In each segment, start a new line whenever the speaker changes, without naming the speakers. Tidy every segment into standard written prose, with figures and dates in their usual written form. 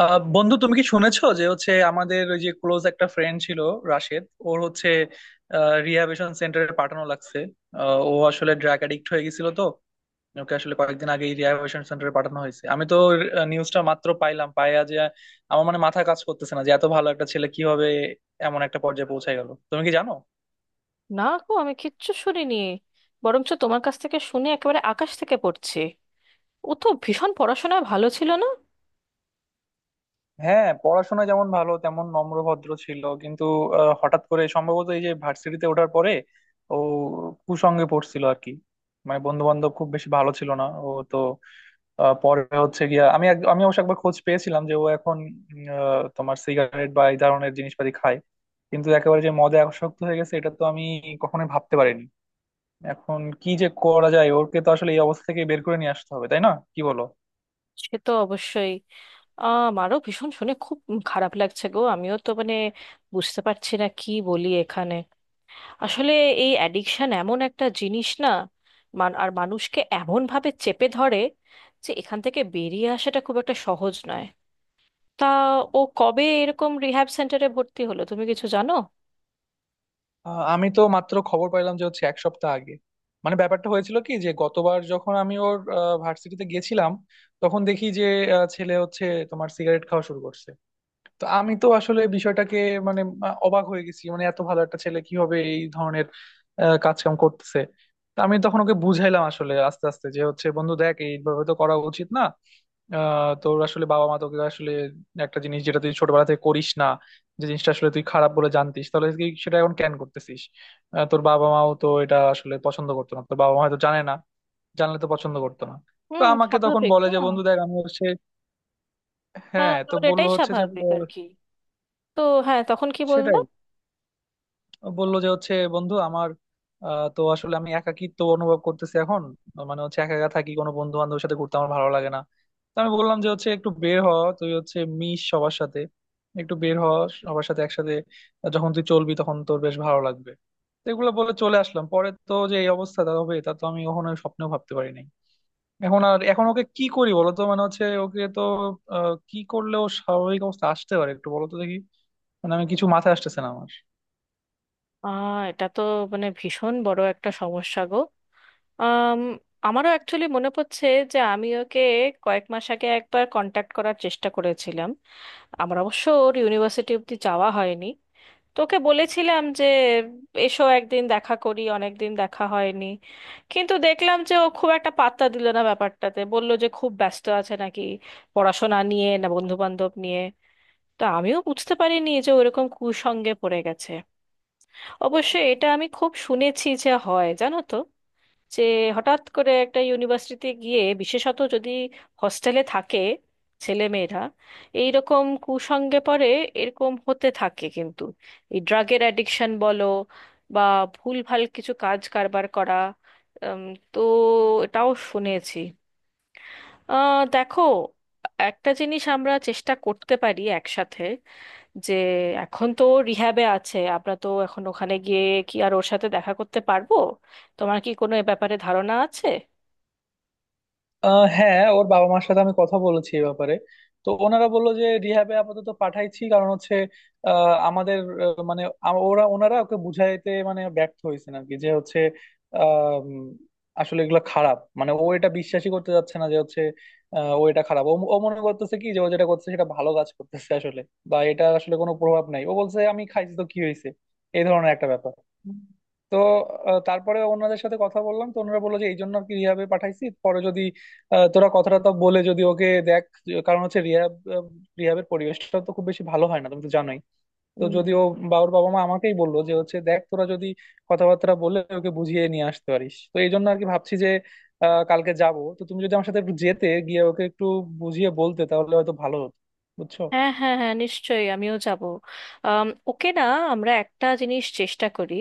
বন্ধু, তুমি কি শুনেছো যে হচ্ছে আমাদের ওই যে ক্লোজ একটা ফ্রেন্ড ছিল রাশেদ? ওর হচ্ছে রিহ্যাবিলিটেশন সেন্টারে পাঠানো লাগছে। ও আসলে ড্রাগ অ্যাডিক্ট হয়ে গেছিল তো। ওকে আসলে কয়েকদিন আগে রিহ্যাবিলিটেশন সেন্টারে পাঠানো হয়েছে। আমি তো নিউজটা মাত্র পাইয়া যে আমার মানে মাথা কাজ করতেছে না, যে এত ভালো একটা ছেলে কিভাবে এমন একটা পর্যায়ে পৌঁছে গেল। তুমি কি জানো?
না গো, আমি কিচ্ছু শুনিনি। বরঞ্চ তোমার কাছ থেকে শুনে একেবারে আকাশ থেকে পড়ছি। ও তো ভীষণ পড়াশোনায় ভালো ছিল না।
হ্যাঁ, পড়াশোনা যেমন ভালো তেমন নম্র ভদ্র ছিল, কিন্তু হঠাৎ করে সম্ভবত এই যে ভার্সিটিতে ওঠার পরে ও কুসঙ্গে পড়ছিল আর কি। মানে বন্ধু বান্ধব খুব বেশি ভালো ছিল না ও তো। পরে হচ্ছে গিয়া আমি অবশ্য একবার খোঁজ পেয়েছিলাম যে ও এখন তোমার সিগারেট বা এই ধরনের জিনিসপাতি খায়, কিন্তু একেবারে যে মদে আসক্ত হয়ে গেছে এটা তো আমি কখনোই ভাবতে পারিনি। এখন কি যে করা যায়? ওকে তো আসলে এই অবস্থা থেকে বের করে নিয়ে আসতে হবে, তাই না? কি বলো?
সে তো অবশ্যই। আমারও ভীষণ শুনে খুব খারাপ লাগছে গো। আমিও তো মানে বুঝতে পারছি না কি বলি এখানে। আসলে এই অ্যাডিকশন এমন একটা জিনিস না, আর মানুষকে এমন ভাবে চেপে ধরে যে এখান থেকে বেরিয়ে আসাটা খুব একটা সহজ নয়। তা ও কবে এরকম রিহ্যাব সেন্টারে ভর্তি হলো, তুমি কিছু জানো?
আমি তো মাত্র খবর পাইলাম, যে হচ্ছে এক সপ্তাহ আগে মানে ব্যাপারটা হয়েছিল কি, যে গতবার যখন আমি ওর ভার্সিটিতে গেছিলাম তখন দেখি যে ছেলে হচ্ছে তোমার সিগারেট খাওয়া শুরু করছে। তো আমি তো আসলে বিষয়টাকে মানে অবাক হয়ে গেছি। মানে এত ভালো একটা ছেলে কিভাবে এই ধরনের কাজকাম করতেছে। তো আমি তখন ওকে বুঝাইলাম আসলে আস্তে আস্তে, যে হচ্ছে বন্ধু দেখ এইভাবে তো করা উচিত না। তোর আসলে বাবা মা তোকে আসলে একটা জিনিস যেটা তুই ছোটবেলা থেকে করিস না, যে জিনিসটা আসলে তুই খারাপ বলে জানতিস, তাহলে কি সেটা এখন ক্যান করতেছিস? তোর বাবা মাও তো এটা আসলে পছন্দ করতো না। তোর বাবা মা হয়তো জানে না, জানলে তো পছন্দ করতো না। তো
হুম,
আমাকে তখন
স্বাভাবিক
বলে
না।
যে বন্ধু দেখ আমি হচ্ছে...
হ্যাঁ,
হ্যাঁ, তো
তোর
বললো
এটাই
হচ্ছে যে
স্বাভাবিক আর কি। তো হ্যাঁ, তখন কি বললো?
সেটাই, বললো যে হচ্ছে বন্ধু আমার তো আসলে আমি একাকিত্ব অনুভব করতেছি এখন। মানে হচ্ছে একা একা থাকি, কোনো বন্ধু বান্ধবের সাথে ঘুরতে আমার ভালো লাগে না। তো আমি বললাম যে হচ্ছে একটু বের হ, তুই হচ্ছে মিশ সবার সাথে, একটু বের হ সবার সাথে একসাথে। যখন তুই চলবি তখন তোর বেশ ভালো লাগবে। তো এগুলো বলে চলে আসলাম, পরে তো যে এই অবস্থা তা হবে তা তো আমি কখনো স্বপ্নেও ভাবতে পারি নাই। এখন ওকে কি করি বলো তো? মানে হচ্ছে ওকে তো কি করলে ও স্বাভাবিক অবস্থা আসতে পারে একটু বলো তো দেখি। মানে আমি কিছু মাথায় আসতেছে না আমার।
আহ, এটা তো মানে ভীষণ বড় একটা সমস্যা গো। আম, আমারও অ্যাকচুয়ালি মনে পড়ছে যে আমি ওকে কয়েক মাস আগে একবার কন্ট্যাক্ট করার চেষ্টা করেছিলাম। আমার অবশ্য ওর ইউনিভার্সিটি অব্দি যাওয়া হয়নি। তো ওকে বলেছিলাম যে এসো একদিন দেখা করি, অনেক দিন দেখা হয়নি। কিন্তু দেখলাম যে ও খুব একটা পাত্তা দিল না ব্যাপারটাতে, বলল যে খুব ব্যস্ত আছে নাকি পড়াশোনা নিয়ে না বন্ধু বান্ধব নিয়ে। তো আমিও বুঝতে পারিনি যে ওরকম কুসঙ্গে পড়ে গেছে। অবশ্য এটা আমি খুব শুনেছি যে হয়, জানো তো, যে হঠাৎ করে একটা ইউনিভার্সিটিতে গিয়ে, বিশেষত যদি হস্টেলে থাকে ছেলেমেয়েরা, এইরকম কুসঙ্গে পড়ে এরকম হতে থাকে। কিন্তু এই ড্রাগের অ্যাডিকশন বলো বা ভুলভাল কিছু কাজ কারবার করা, উম, তো এটাও শুনেছি। দেখো, একটা জিনিস আমরা চেষ্টা করতে পারি একসাথে, যে এখন তো রিহ্যাবে আছে, আমরা তো এখন ওখানে গিয়ে কি আর ওর সাথে দেখা করতে পারবো? তোমার কি কোনো এ ব্যাপারে ধারণা আছে?
হ্যাঁ, ওর বাবা মার সাথে আমি কথা বলেছি এই ব্যাপারে। তো ওনারা বললো যে রিহ্যাবে আপাতত পাঠাইছি, কারণ হচ্ছে আমাদের আহ, মানে আম- ওরা ওনারা ওকে বুঝাইতে মানে ব্যর্থ হয়েছেন আর কি, যে হচ্ছে আহ, উম, আসলে এগুলো খারাপ। মানে ও এটা বিশ্বাসই করতে যাচ্ছে না, যে হচ্ছে ও এটা খারাপ। ও ও মনে করতেছে কি, যে ও যেটা করতেছে সেটা ভালো কাজ করতেছে আসলে। বা এটা আসলে কোনো প্রভাব নাই, ও বলছে আমি খাইছি তো কি হয়েছে, এই ধরনের একটা ব্যাপার। তো তারপরে ওনাদের সাথে কথা বললাম। তো ওনারা বললো যে এই জন্য আর কি রিহাবে পাঠাইছি, পরে যদি তোরা কথাটা তো বলে যদি ওকে দেখ, কারণ হচ্ছে রিহাবের পরিবেশটা তো খুব বেশি ভালো হয় না, তুমি তো জানোই। তো
উম,
যদি ও বাবুর বাবা মা আমাকেই বললো যে হচ্ছে দেখ তোরা যদি কথাবার্তা বলে ওকে বুঝিয়ে নিয়ে আসতে পারিস, তো এই জন্য আর কি ভাবছি যে কালকে যাব, তো তুমি যদি আমার সাথে একটু যেতে গিয়ে ওকে একটু বুঝিয়ে বলতে, তাহলে হয়তো ভালো হতো। বুঝছো?
হ্যাঁ হ্যাঁ হ্যাঁ, নিশ্চয়ই আমিও যাব। ওকে না আমরা একটা জিনিস চেষ্টা করি।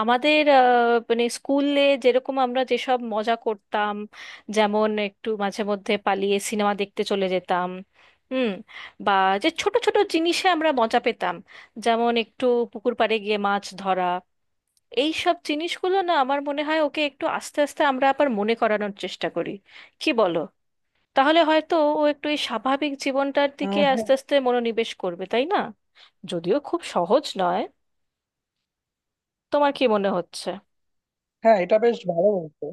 আমাদের মানে স্কুলে যেরকম আমরা যেসব মজা করতাম, যেমন একটু মাঝে মধ্যে পালিয়ে সিনেমা দেখতে চলে যেতাম, হুম, বা যে ছোট ছোট জিনিসে আমরা মজা পেতাম, যেমন একটু পুকুর পাড়ে গিয়ে মাছ ধরা, এই সব জিনিসগুলো না আমার মনে হয় ওকে একটু আস্তে আস্তে আমরা আবার মনে করানোর চেষ্টা করি। কি বলো? তাহলে হয়তো ও একটু এই স্বাভাবিক জীবনটার দিকে
হ্যাঁ,
আস্তে আস্তে মনোনিবেশ করবে, তাই না? যদিও খুব সহজ নয়। তোমার কি মনে হচ্ছে?
হ্যাঁ, এটা বেশ ভালো বলতো।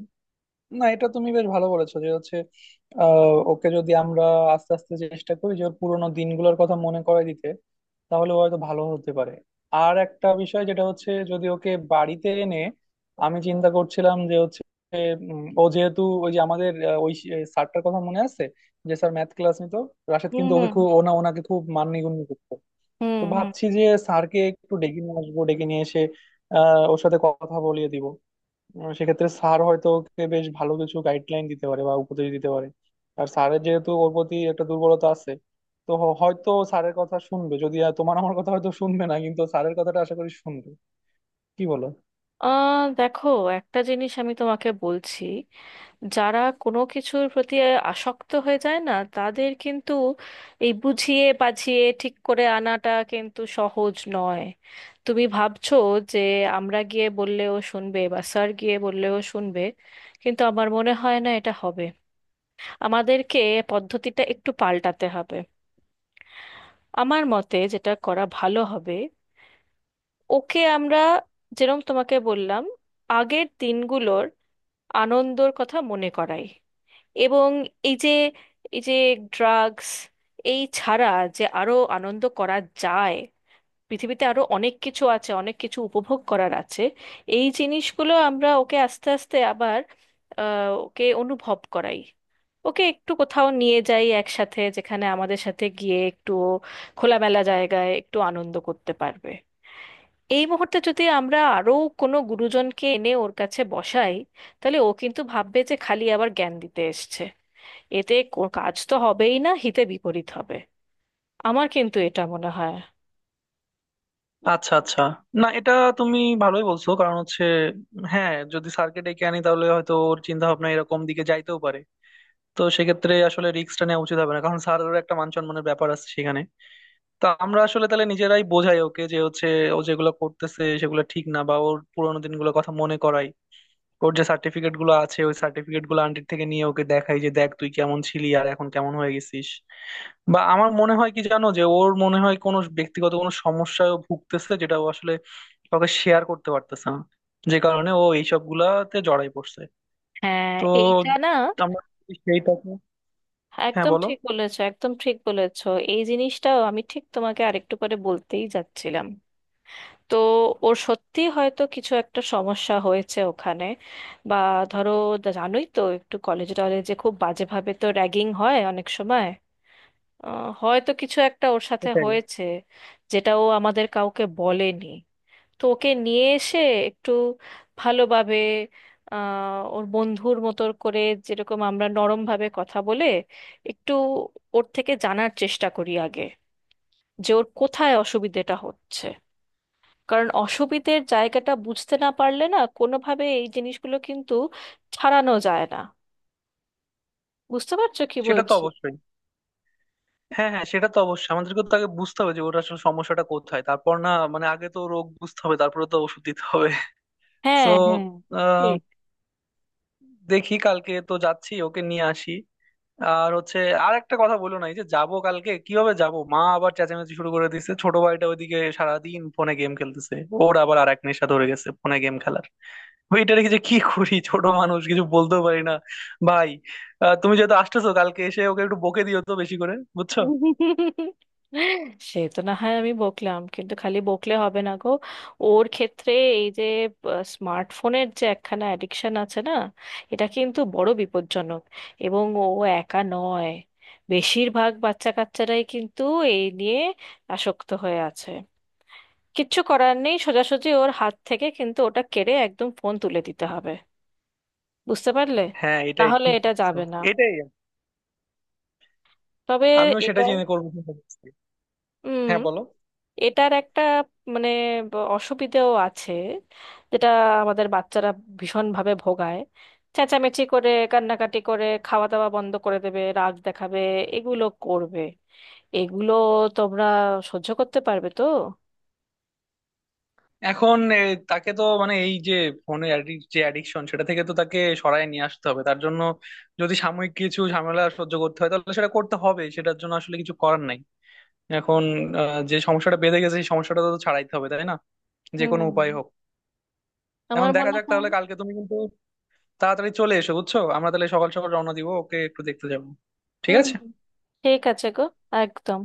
না, এটা তুমি বেশ ভালো বলেছো, যে হচ্ছে ওকে যদি আমরা আস্তে আস্তে চেষ্টা করি যে ওর পুরোনো দিনগুলোর কথা মনে করায় দিতে, তাহলে ও হয়তো ভালো হতে পারে। আর একটা বিষয় যেটা হচ্ছে যদি ওকে বাড়িতে এনে... আমি চিন্তা করছিলাম যে হচ্ছে ও যেহেতু ওই যে আমাদের ওই স্যারটার কথা মনে আছে, যে স্যার ম্যাথ ক্লাস নিত? রাশেদ
হুম
কিন্তু ওকে
হুম।
খুব ওনাকে খুব মাননিগুণ্য করতো।
হুম
তো
হুম।
ভাবছি যে স্যারকে একটু ডেকে নিয়ে আসবো, ডেকে নিয়ে এসে ওর সাথে কথা বলিয়ে দিব। সেক্ষেত্রে স্যার হয়তো ওকে বেশ ভালো কিছু গাইডলাইন দিতে পারে বা উপদেশ দিতে পারে। আর স্যারের যেহেতু ওর প্রতি একটা দুর্বলতা আছে, তো হয়তো স্যারের কথা শুনবে। যদি আর তোমার আমার কথা হয়তো শুনবে না, কিন্তু স্যারের কথাটা আশা করি শুনবে। কি বলো?
আহ, দেখো, একটা জিনিস আমি তোমাকে বলছি। যারা কোনো কিছুর প্রতি আসক্ত হয়ে যায় না তাদের কিন্তু এই বুঝিয়ে বাঝিয়ে ঠিক করে আনাটা কিন্তু সহজ নয়। তুমি ভাবছো যে আমরা গিয়ে বললেও শুনবে বা স্যার গিয়ে বললেও শুনবে, কিন্তু আমার মনে হয় না এটা হবে। আমাদেরকে পদ্ধতিটা একটু পাল্টাতে হবে। আমার মতে যেটা করা ভালো হবে, ওকে আমরা যেরকম তোমাকে বললাম, আগের দিনগুলোর আনন্দর কথা মনে করাই, এবং এই যে এই যে ড্রাগস এই ছাড়া যে আরো আনন্দ করা যায়, পৃথিবীতে আরো অনেক কিছু আছে, অনেক কিছু উপভোগ করার আছে, এই জিনিসগুলো আমরা ওকে আস্তে আস্তে আবার ওকে অনুভব করাই। ওকে একটু কোথাও নিয়ে যাই একসাথে, যেখানে আমাদের সাথে গিয়ে একটু ও খোলামেলা জায়গায় একটু আনন্দ করতে পারবে। এই মুহূর্তে যদি আমরা আরো কোনো গুরুজনকে এনে ওর কাছে বসাই, তাহলে ও কিন্তু ভাববে যে খালি আবার জ্ঞান দিতে এসছে। এতে কাজ তো হবেই না, হিতে বিপরীত হবে। আমার কিন্তু এটা মনে হয়।
আচ্ছা, আচ্ছা। না, এটা তুমি ভালোই বলছো, কারণ হচ্ছে হ্যাঁ, যদি স্যারকে ডেকে আনি তাহলে হয়তো ওর চিন্তা ভাবনা এরকম দিকে যাইতেও পারে। তো সেক্ষেত্রে আসলে রিস্কটা নেওয়া উচিত হবে না, কারণ স্যারেরও একটা মান সম্মানের ব্যাপার আছে সেখানে। তা আমরা আসলে তাহলে নিজেরাই বোঝাই ওকে, যে হচ্ছে ও যেগুলো করতেছে সেগুলো ঠিক না, বা ওর পুরোনো দিনগুলোর কথা মনে করাই। ওর যে সার্টিফিকেট গুলো আছে, ওই সার্টিফিকেট গুলো আন্টির থেকে নিয়ে ওকে দেখাই, যে দেখ তুই কেমন ছিলি আর এখন কেমন হয়ে গেছিস। বা আমার মনে হয় কি জানো, যে ওর মনে হয় কোনো ব্যক্তিগত কোনো সমস্যায় ও ভুগতেছে, যেটা ও আসলে কাউকে শেয়ার করতে পারতেছে না, যে কারণে ও এইসব গুলাতে জড়াই পড়ছে।
হ্যাঁ,
তো
এইটা না।
আমরা যদি সেইটাকে... হ্যাঁ,
একদম
বলো।
ঠিক বলেছো, একদম ঠিক বলেছো। এই জিনিসটাও আমি ঠিক তোমাকে আরেকটু পরে বলতেই যাচ্ছিলাম। তো ওর সত্যি হয়তো কিছু একটা সমস্যা হয়েছে ওখানে, বা ধরো, জানোই তো, একটু কলেজ টলেজে খুব বাজেভাবে তো র্যাগিং হয় অনেক সময়। আহ, হয়তো কিছু একটা ওর সাথে
সেটাই।
হয়েছে যেটা ও আমাদের কাউকে বলেনি। তো ওকে নিয়ে এসে একটু ভালোভাবে, ওর বন্ধুর মতো করে, যেরকম আমরা নরমভাবে কথা বলে একটু ওর থেকে জানার চেষ্টা করি আগে, যে ওর কোথায় অসুবিধেটা হচ্ছে। কারণ অসুবিধের জায়গাটা বুঝতে না পারলে না কোনোভাবে এই জিনিসগুলো কিন্তু ছাড়ানো যায় না। বুঝতে পারছো কি
সেটা তো
বলছি?
অবশ্যই। হ্যাঁ, হ্যাঁ, সেটা তো অবশ্যই। আমাদেরকে তো আগে বুঝতে হবে যে ওটা আসলে সমস্যাটা কোথায়, তারপর না মানে আগে তো রোগ বুঝতে হবে, তারপরে তো ওষুধ দিতে হবে। তো
হ্যাঁ হ্যাঁ। ঠিক।
দেখি, কালকে তো যাচ্ছি, ওকে নিয়ে আসি। আর হচ্ছে আর একটা কথা বলো না, এই যে যাবো কালকে, কিভাবে যাবো মা আবার চেঁচামেচি শুরু করে দিছে। ছোট ভাইটা ওইদিকে সারাদিন ফোনে গেম খেলতেছে। ওর আবার আর এক নেশা ধরে গেছে ফোনে গেম খেলার। ওইটা রেখে যে কি করি, ছোট মানুষ কিছু বলতেও পারি না। ভাই, তুমি যেহেতু আসতেছো কালকে এসে ওকে একটু বকে দিও তো বেশি করে। বুঝছো?
সে তো না হয় আমি বকলাম, কিন্তু খালি বকলে হবে না গো। ওর ক্ষেত্রে এই যে স্মার্টফোনের যে একখানা অ্যাডিকশন আছে না, এটা কিন্তু বড় বিপজ্জনক। এবং ও একা নয়, বেশিরভাগ বাচ্চা কাচ্চারাই কিন্তু এই নিয়ে আসক্ত হয়ে আছে। কিচ্ছু করার নেই, সোজাসুজি ওর হাত থেকে কিন্তু ওটা কেড়ে একদম ফোন তুলে দিতে হবে। বুঝতে পারলে?
হ্যাঁ,
না
এটাই
হলে
ঠিক।
এটা
বলছো।
যাবে না।
এটাই।
তবে
আমিও সেটা
এটা,
চিন্তা করছি।
হুম,
হ্যাঁ, বলো।
এটার একটা মানে অসুবিধেও আছে, যেটা আমাদের বাচ্চারা ভীষণভাবে ভোগায়। চেঁচামেচি করে, কান্নাকাটি করে, খাওয়া দাওয়া বন্ধ করে দেবে, রাগ দেখাবে, এগুলো করবে। এগুলো তোমরা সহ্য করতে পারবে তো?
এখন তাকে তো মানে এই যে ফোনে যে অ্যাডিকশন সেটা থেকে তো তাকে সরায় নিয়ে আসতে হবে। তার জন্য যদি সাময়িক কিছু ঝামেলা সহ্য করতে হয় তাহলে সেটা করতে হবে, সেটার জন্য আসলে কিছু করার নাই। এখন যে সমস্যাটা বেঁধে গেছে সেই সমস্যাটা তো ছাড়াইতে হবে, তাই না? যে কোনো
হুম,
উপায় হোক।
আমার
এখন দেখা
মনে
যাক।
হয়।
তাহলে কালকে তুমি কিন্তু তাড়াতাড়ি চলে এসো, বুঝছো? আমরা তাহলে সকাল সকাল রওনা দিব, ওকে একটু দেখতে যাবো। ঠিক
হুম
আছে?
হুম, ঠিক আছে গো। একদম।